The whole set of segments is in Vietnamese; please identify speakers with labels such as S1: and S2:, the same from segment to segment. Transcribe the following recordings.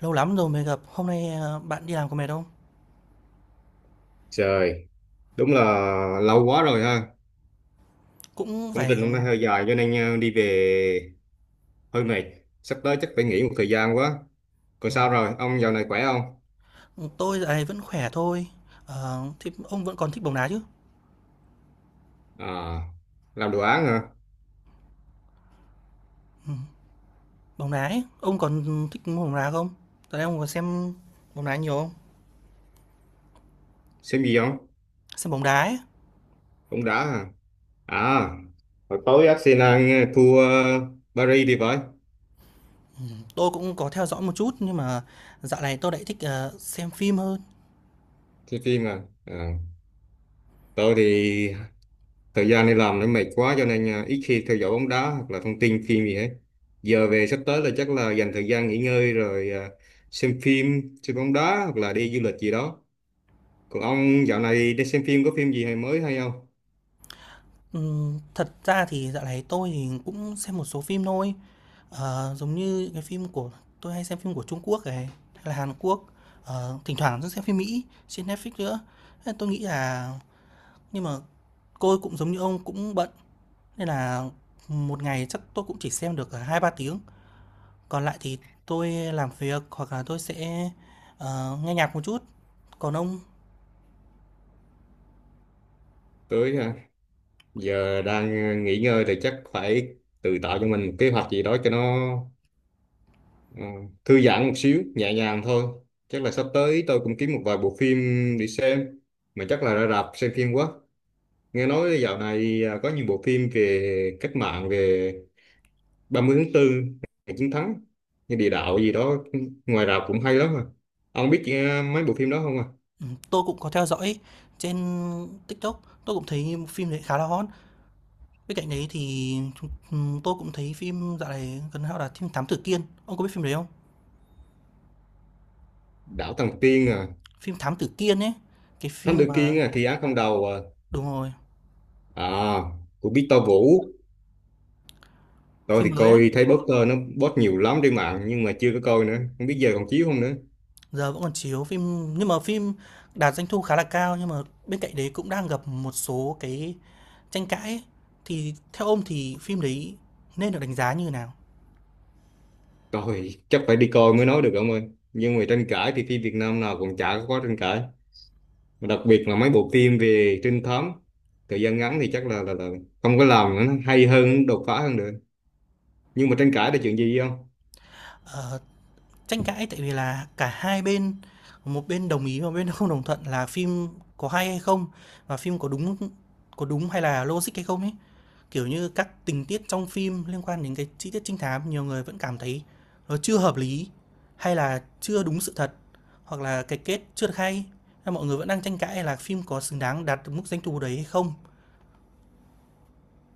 S1: Lâu lắm rồi mới gặp. Hôm nay, bạn đi làm có mệt không?
S2: Trời, đúng là lâu quá rồi ha.
S1: Cũng
S2: Công trình
S1: phải.
S2: hôm nay hơi dài cho nên đi về hơi mệt. Sắp tới chắc phải nghỉ một thời gian quá. Còn sao
S1: ừm,
S2: rồi, ông dạo này khỏe không?
S1: tôi dạo này vẫn khỏe thôi. Thế ông vẫn còn thích bóng đá chứ?
S2: À, làm đồ án hả?
S1: Bóng đá ấy, ông còn thích bóng đá không? Dạo này ông có xem bóng đá nhiều không?
S2: Xem gì không?
S1: Xem bóng đá ấy.
S2: Cũng đã hả? À, hồi tối Arsenal thua Paris thì phải.
S1: Tôi cũng có theo dõi một chút nhưng mà dạo này tôi lại thích, xem phim hơn.
S2: Xem phim à. À. Tôi thì thời gian đi làm nó mệt quá cho nên à, ít khi theo dõi bóng đá hoặc là thông tin phim gì hết. Giờ về sắp tới là chắc là dành thời gian nghỉ ngơi rồi à, xem phim, xem bóng đá hoặc là đi du lịch gì đó. Còn ông dạo này đi xem phim có phim gì hay mới hay không?
S1: Thật ra thì dạo này tôi thì cũng xem một số phim thôi. Giống như cái phim của tôi hay xem phim của Trung Quốc này, hay là Hàn Quốc, thỉnh thoảng tôi xem phim Mỹ trên Netflix nữa. Thế tôi nghĩ là Nhưng mà tôi cũng giống như ông cũng bận nên là một ngày chắc tôi cũng chỉ xem được hai ba tiếng. Còn lại thì tôi làm việc hoặc là tôi sẽ nghe nhạc một chút. Còn ông,
S2: Tới à, giờ đang à, nghỉ ngơi thì chắc phải tự tạo cho mình một kế hoạch gì đó cho nó à, thư giãn một xíu nhẹ nhàng thôi. Chắc là sắp tới tôi cũng kiếm một vài bộ phim đi xem, mà chắc là ra rạp xem phim quá. Nghe nói dạo này à, có nhiều bộ phim về cách mạng, về 30 tháng 4, ngày chiến thắng, như địa đạo gì đó, ngoài rạp cũng hay lắm à. Ông biết à, mấy bộ phim đó không à?
S1: tôi cũng có theo dõi trên TikTok, tôi cũng thấy phim đấy khá là hot. Bên cạnh đấy thì tôi cũng thấy phim dạo này gần hao là phim Thám Tử Kiên, ông có biết phim đấy không?
S2: Đảo Tầng Tiên à,
S1: Phim Thám Tử Kiên ấy, cái
S2: Thám
S1: phim
S2: Tử
S1: mà
S2: Kiên à, Thi Án Không Đầu à,
S1: đúng rồi,
S2: à, của Victor Vũ. Tôi
S1: phim
S2: thì
S1: mới ấy,
S2: coi thấy poster nó post nhiều lắm trên mạng nhưng mà chưa có coi nữa, không biết giờ còn chiếu không nữa.
S1: giờ vẫn còn chiếu phim nhưng mà phim đạt doanh thu khá là cao nhưng mà bên cạnh đấy cũng đang gặp một số cái tranh cãi ấy. Thì theo ông thì phim đấy nên được đánh giá như thế nào?
S2: Coi chắc phải đi coi mới nói được ông ơi. Nhưng mà tranh cãi thì phim Việt Nam nào cũng chả có tranh cãi. Mà đặc biệt là mấy bộ phim về trinh thám thời gian ngắn thì chắc là là không có làm nữa, nó hay hơn, đột phá hơn được, nhưng mà tranh cãi là chuyện gì không.
S1: Ờ, Tranh cãi tại vì là cả hai bên, một bên đồng ý và một bên không đồng thuận là phim có hay hay không và phim có đúng hay là logic hay không ấy. Kiểu như các tình tiết trong phim liên quan đến cái chi tiết trinh thám, nhiều người vẫn cảm thấy nó chưa hợp lý hay là chưa đúng sự thật, hoặc là cái kết chưa được hay. Mọi người vẫn đang tranh cãi là phim có xứng đáng đạt được mức doanh thu đấy hay không.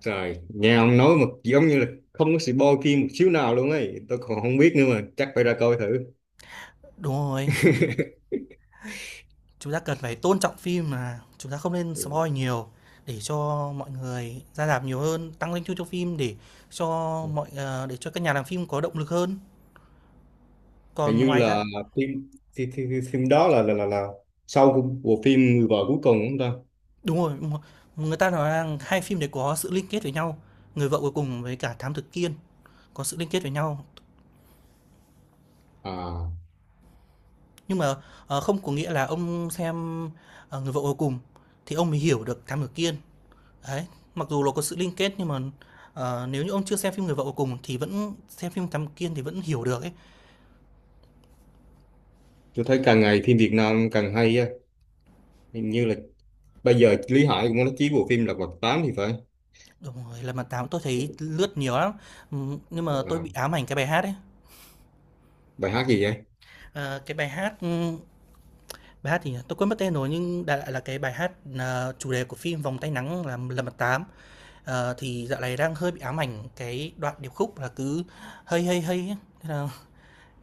S2: Trời, nghe ông nói mà giống như là không có sự bo kim một xíu nào luôn ấy, tôi còn không biết nữa, mà chắc phải ra coi thử.
S1: Đúng rồi, chúng ta cần phải tôn trọng phim mà chúng ta không nên
S2: Ừ.
S1: spoil nhiều để cho mọi người ra rạp nhiều hơn, tăng doanh thu cho phim, để cho mọi để cho các nhà làm phim có động lực hơn.
S2: Hình
S1: Còn
S2: như
S1: ngoài ra,
S2: là phim phim đó là là sau của bộ phim Người vợ cuối cùng, đúng không ta?
S1: đúng rồi, đúng rồi. Người ta nói rằng hai phim đấy có sự liên kết với nhau, Người vợ cuối cùng với cả Thám Tử Kiên có sự liên kết với nhau.
S2: À,
S1: Nhưng mà, không có nghĩa là ông xem, Người vợ cuối cùng thì ông mới hiểu được Thám Tử Kiên. Đấy, mặc dù nó có sự liên kết nhưng mà, nếu như ông chưa xem phim Người vợ cuối cùng thì vẫn xem phim Thám Tử Kiên thì vẫn hiểu được ấy.
S2: tôi thấy càng ngày phim Việt Nam càng hay á. Hình như là bây giờ Lý Hải cũng có nói chí bộ phim Lật Mặt 8 thì phải.
S1: Đúng rồi, Lật Mặt Tám tôi thấy lướt nhiều lắm, nhưng mà tôi
S2: À,
S1: bị ám ảnh cái bài hát ấy.
S2: bài hát gì vậy?
S1: Ờ, cái bài hát, bài hát thì tôi quên mất tên rồi nhưng đại loại là cái bài hát, chủ đề của phim Vòng Tay Nắng là "Lần Mặt Tám". Thì dạo này đang hơi bị ám ảnh cái đoạn điệp khúc là cứ hơi hơi hơi thế là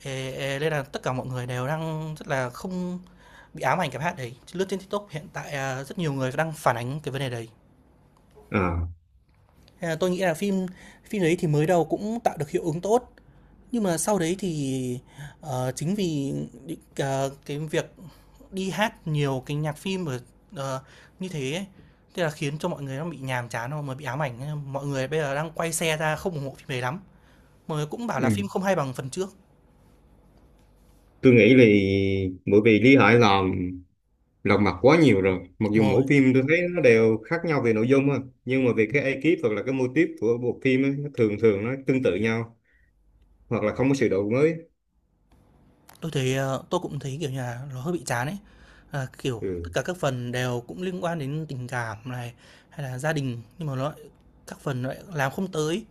S1: "Ê, ê" nên là tất cả mọi người đều đang rất là không bị ám ảnh cái bài hát đấy. Lướt trên TikTok hiện tại, à, rất nhiều người đang phản ánh cái vấn đề đấy.
S2: À.
S1: Thế tôi nghĩ là phim Phim đấy thì mới đầu cũng tạo được hiệu ứng tốt. Nhưng mà sau đấy thì, chính vì những cà cái việc đi hát nhiều cái nhạc phim ở, ờ, như thế ấy, thế là khiến cho mọi người nó bị nhàm chán xong rồi bị ám ảnh, thế mọi người bây giờ đang quay xe ra không ủng hộ phim đấy lắm. Mọi người cũng bảo
S2: Ừ.
S1: là phim không hay bằng phần trước.
S2: Tôi nghĩ vì bởi vì Lý Hải làm Lật Mặt quá nhiều rồi, mặc
S1: Đúng
S2: dù mỗi
S1: rồi.
S2: phim tôi thấy nó đều khác nhau về nội dung á, nhưng mà về cái ekip hoặc là cái mô típ của bộ phim ấy, nó thường thường nó tương tự nhau, hoặc là không có sự đổi mới.
S1: Tôi thấy, tôi cũng thấy, kiểu như là, nó hơi bị chán ấy. Kiểu, tất
S2: Ừ.
S1: cả các phần đều cũng liên quan đến tình cảm này, hay là gia đình, nhưng mà nó lại các phần nó lại làm không tới.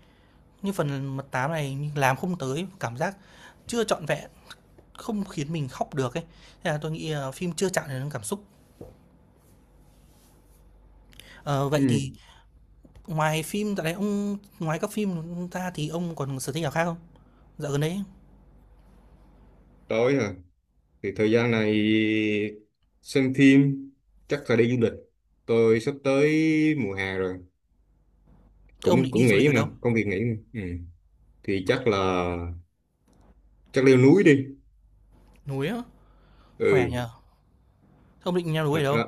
S1: Như phần mật tám này làm không tới, cảm giác chưa trọn vẹn, không khiến mình khóc được ấy. Thế là tôi nghĩ là phim chưa chạm đến cảm xúc. Ờ, Vậy thì,
S2: Ừ.
S1: ngoài các phim ra thì ông còn sở thích nào khác không? Dạo gần đấy,
S2: Tối à, thì thời gian này xem phim, chắc là đi du lịch. Tôi sắp tới mùa hè rồi
S1: ông
S2: cũng
S1: định đi
S2: cũng
S1: du lịch
S2: nghỉ
S1: ở
S2: mà,
S1: đâu?
S2: công việc nghỉ mà. Ừ. Thì chắc là chắc leo núi đi.
S1: Núi á? Khỏe
S2: Ừ.
S1: nhỉ? Thế ông định leo núi
S2: Thật
S1: ở đâu?
S2: ra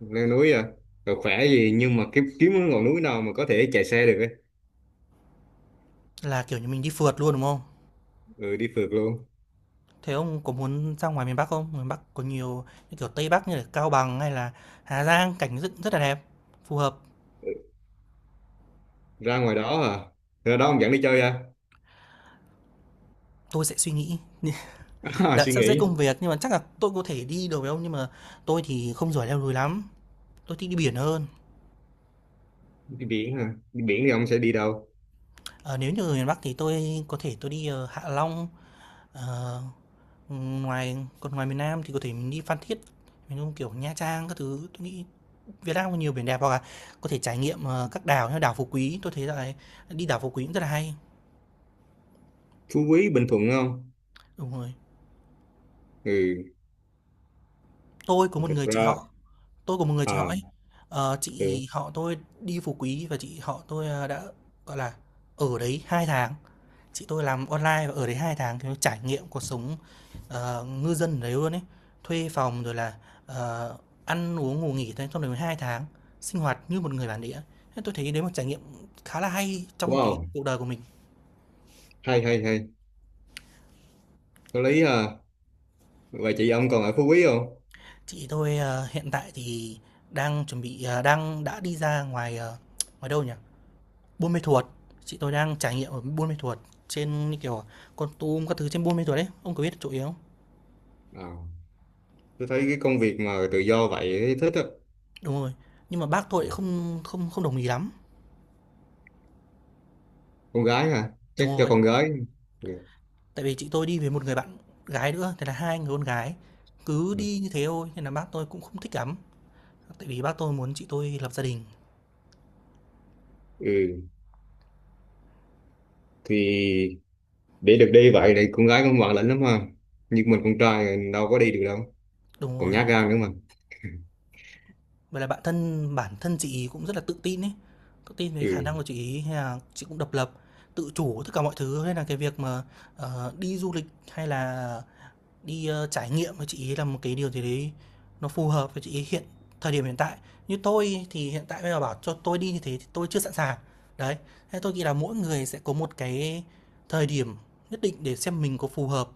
S2: leo núi à, rồi khỏe gì, nhưng mà kiếm kiếm cái ngọn núi nào mà có thể chạy xe được ấy.
S1: Là, kiểu như, mình đi phượt luôn, đúng không?
S2: Ừ, đi phượt luôn.
S1: Thế ông có muốn ra ngoài miền Bắc không? Miền Bắc có nhiều như kiểu Tây Bắc như là Cao Bằng hay là Hà Giang cảnh rất rất là đẹp, phù hợp.
S2: Ra ngoài đó à? Ra đó ông dẫn đi chơi à?
S1: Tôi sẽ suy nghĩ
S2: À,
S1: đã
S2: suy
S1: sắp xếp
S2: nghĩ.
S1: công việc nhưng mà chắc là tôi có thể đi được với ông nhưng mà tôi thì không giỏi leo núi lắm. Tôi thích đi biển hơn.
S2: Đi biển à? Đi biển thì ông sẽ đi đâu?
S1: Ờ, Nếu như ở miền Bắc thì tôi có thể tôi đi Hạ Long. Ờ, Ngoài miền Nam thì có thể mình đi Phan Thiết, mình không kiểu Nha Trang các thứ. Tôi nghĩ Việt Nam có nhiều biển đẹp hoặc là có thể trải nghiệm các đảo như đảo Phú Quý. Tôi thấy là đi đảo Phú Quý cũng rất là hay.
S2: Phú Quý Bình Thuận không?
S1: Đúng rồi.
S2: Ừ.
S1: Tôi có một
S2: Thật
S1: người chị
S2: ra.
S1: họ, tôi có một người chị họ
S2: À.
S1: ấy.
S2: Ừ.
S1: Chị họ tôi đi Phú Quý và chị họ tôi, đã, gọi là, ở đấy 2 tháng. Chị tôi làm online và ở đấy 2 tháng, kiểu, trải nghiệm cuộc sống, ngư dân ở đấy luôn ấy. Thuê phòng rồi là, ờ, ăn uống ngủ nghỉ thôi, trong đấy 2 tháng, sinh hoạt như một người bản địa. Thế tôi thấy đấy một trải nghiệm khá là hay trong cái
S2: Wow,
S1: cuộc đời của mình.
S2: hay hay hay, có lý à. Vậy chị ông còn ở Phú Quý không?
S1: Chị tôi, hiện tại thì đang chuẩn bị, à, đang đã đi ra ngoài, ngoài đâu nhỉ? Buôn Mê Thuột, chị tôi đang trải nghiệm ở Buôn Mê Thuột trên như kiểu Kon Tum các thứ trên Buôn Mê Thuột đấy, ông có biết chỗ yếu không?
S2: À, tôi thấy cái công việc mà tự do vậy thấy thích á.
S1: Đúng rồi, nhưng mà bác tôi lại
S2: Ừ.
S1: không không không đồng ý lắm.
S2: Con gái à, chắc
S1: Đúng
S2: cho
S1: rồi,
S2: con gái. Ừ.
S1: tại vì chị tôi đi với một người bạn gái nữa, thế là hai người con gái cứ
S2: Ừ.
S1: đi như thế thôi nên là bác tôi cũng không thích lắm. Tại vì bác tôi muốn chị tôi lập gia đình.
S2: Ừ, thì để được đi vậy thì con gái cũng ngoan lành lắm ha, nhưng mình con trai đâu có đi được đâu,
S1: Đúng
S2: còn
S1: rồi.
S2: nhát gan nữa mà.
S1: Vậy là bản thân chị ý cũng rất là tự tin ấy. Tự tin về khả năng
S2: Ừ.
S1: của chị ý hay là chị cũng độc lập, tự chủ tất cả mọi thứ nên là cái việc mà đi du lịch hay là đi, trải nghiệm với chị ấy là một cái điều gì đấy nó phù hợp với chị ấy hiện thời điểm hiện tại. Như tôi thì hiện tại bây giờ bảo cho tôi đi như thế thì tôi chưa sẵn sàng. Đấy, thế tôi nghĩ là mỗi người sẽ có một cái thời điểm nhất định để xem mình có phù hợp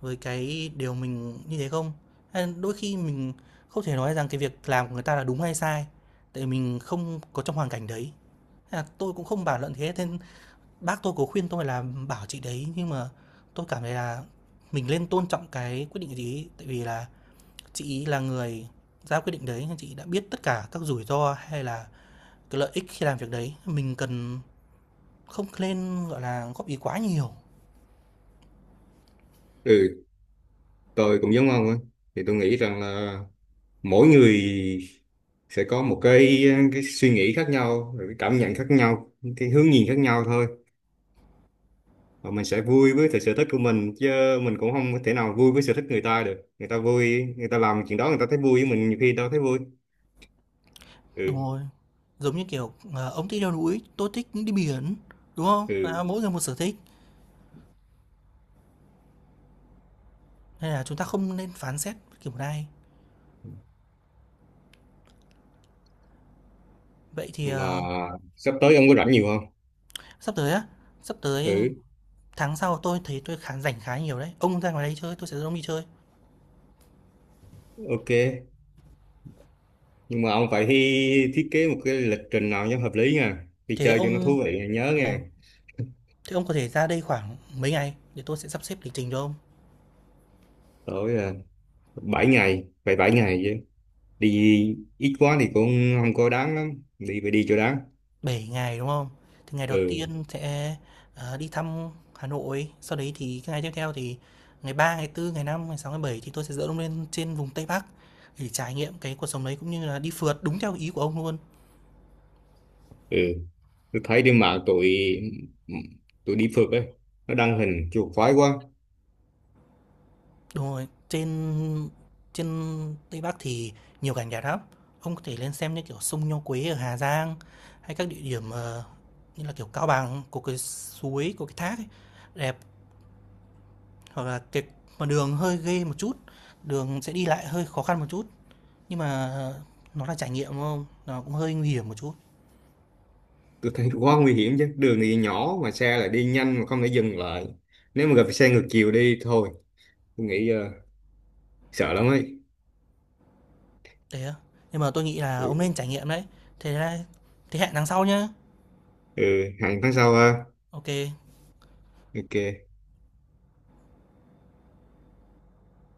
S1: với cái điều mình như thế không. Hay đôi khi mình không thể nói rằng cái việc làm của người ta là đúng hay sai, tại mình không có trong hoàn cảnh đấy. Thế là tôi cũng không bàn luận thế. Bác tôi có khuyên tôi là bảo chị đấy, nhưng mà tôi cảm thấy là mình nên tôn trọng cái quyết định của chị ấy, tại vì là chị ấy là người ra quyết định đấy, chị đã biết tất cả các rủi ro hay là cái lợi ích khi làm việc đấy. Mình cần không nên, gọi là, góp ý quá nhiều.
S2: Ừ, tôi cũng giống ông á, thì tôi nghĩ rằng là mỗi người sẽ có một cái suy nghĩ khác nhau, rồi cái cảm nhận khác nhau, cái hướng nhìn khác nhau thôi, và mình sẽ vui với cái sở thích của mình chứ. Mình cũng không có thể nào vui với sở thích người ta được. Người ta vui người ta làm chuyện đó, người ta thấy vui, với mình nhiều khi đâu thấy vui.
S1: Đúng
S2: Ừ.
S1: rồi, giống như kiểu, ông thích leo núi, tôi thích đi biển, đúng không? Là
S2: Ừ,
S1: mỗi người một sở thích, nên là chúng ta không nên phán xét kiểu này. Vậy thì,
S2: mà sắp tới ông có rảnh nhiều không?
S1: sắp tới á, sắp tới
S2: Ừ.
S1: tháng sau tôi thấy tôi khá rảnh khá nhiều đấy. Ông ra ngoài đây chơi, tôi sẽ dẫn ông đi chơi.
S2: Ok, nhưng mà ông phải thi thiết kế một cái lịch trình nào cho hợp lý nha, đi
S1: Thế
S2: chơi cho nó
S1: ông
S2: thú vị nhớ
S1: đúng không?
S2: nha.
S1: Thế ông có thể ra đây khoảng mấy ngày để tôi sẽ sắp xếp lịch trình cho ông.
S2: Tối à, 7 ngày, phải 7 ngày chứ, đi ít quá thì cũng không có đáng lắm, đi phải đi cho đáng.
S1: 7 ngày đúng không? Thì ngày đầu
S2: Ừ.
S1: tiên sẽ đi thăm Hà Nội, sau đấy thì cái ngày tiếp theo thì ngày 3, ngày 4, ngày 5, ngày 6, ngày 7 thì tôi sẽ dẫn ông lên trên vùng Tây Bắc để trải nghiệm cái cuộc sống đấy cũng như là đi phượt đúng theo ý của ông luôn.
S2: Ừ, tôi thấy trên mạng tụi tụi đi phượt ấy, nó đăng hình chuột khoái quá.
S1: Đúng rồi, trên trên Tây Bắc thì nhiều cảnh đẹp lắm. Ông có thể lên xem như kiểu sông Nho Quế ở Hà Giang hay các địa điểm, như là kiểu Cao Bằng có cái suối, có cái thác ấy, đẹp, hoặc là cái mà đường hơi ghê một chút, đường sẽ đi lại hơi khó khăn một chút nhưng mà nó là trải nghiệm đúng không? Nó cũng hơi nguy hiểm một chút.
S2: Tôi thấy quá nguy hiểm chứ, đường thì nhỏ mà xe lại đi nhanh, mà không thể dừng lại nếu mà gặp xe ngược chiều đi thôi, tôi nghĩ sợ lắm ấy.
S1: Thế á. Nhưng mà tôi nghĩ là ông
S2: Ừ.
S1: nên trải nghiệm đấy. Thế thế hẹn tháng sau nhá.
S2: Ừ, hẹn tháng sau ha.
S1: Ok.
S2: Ok.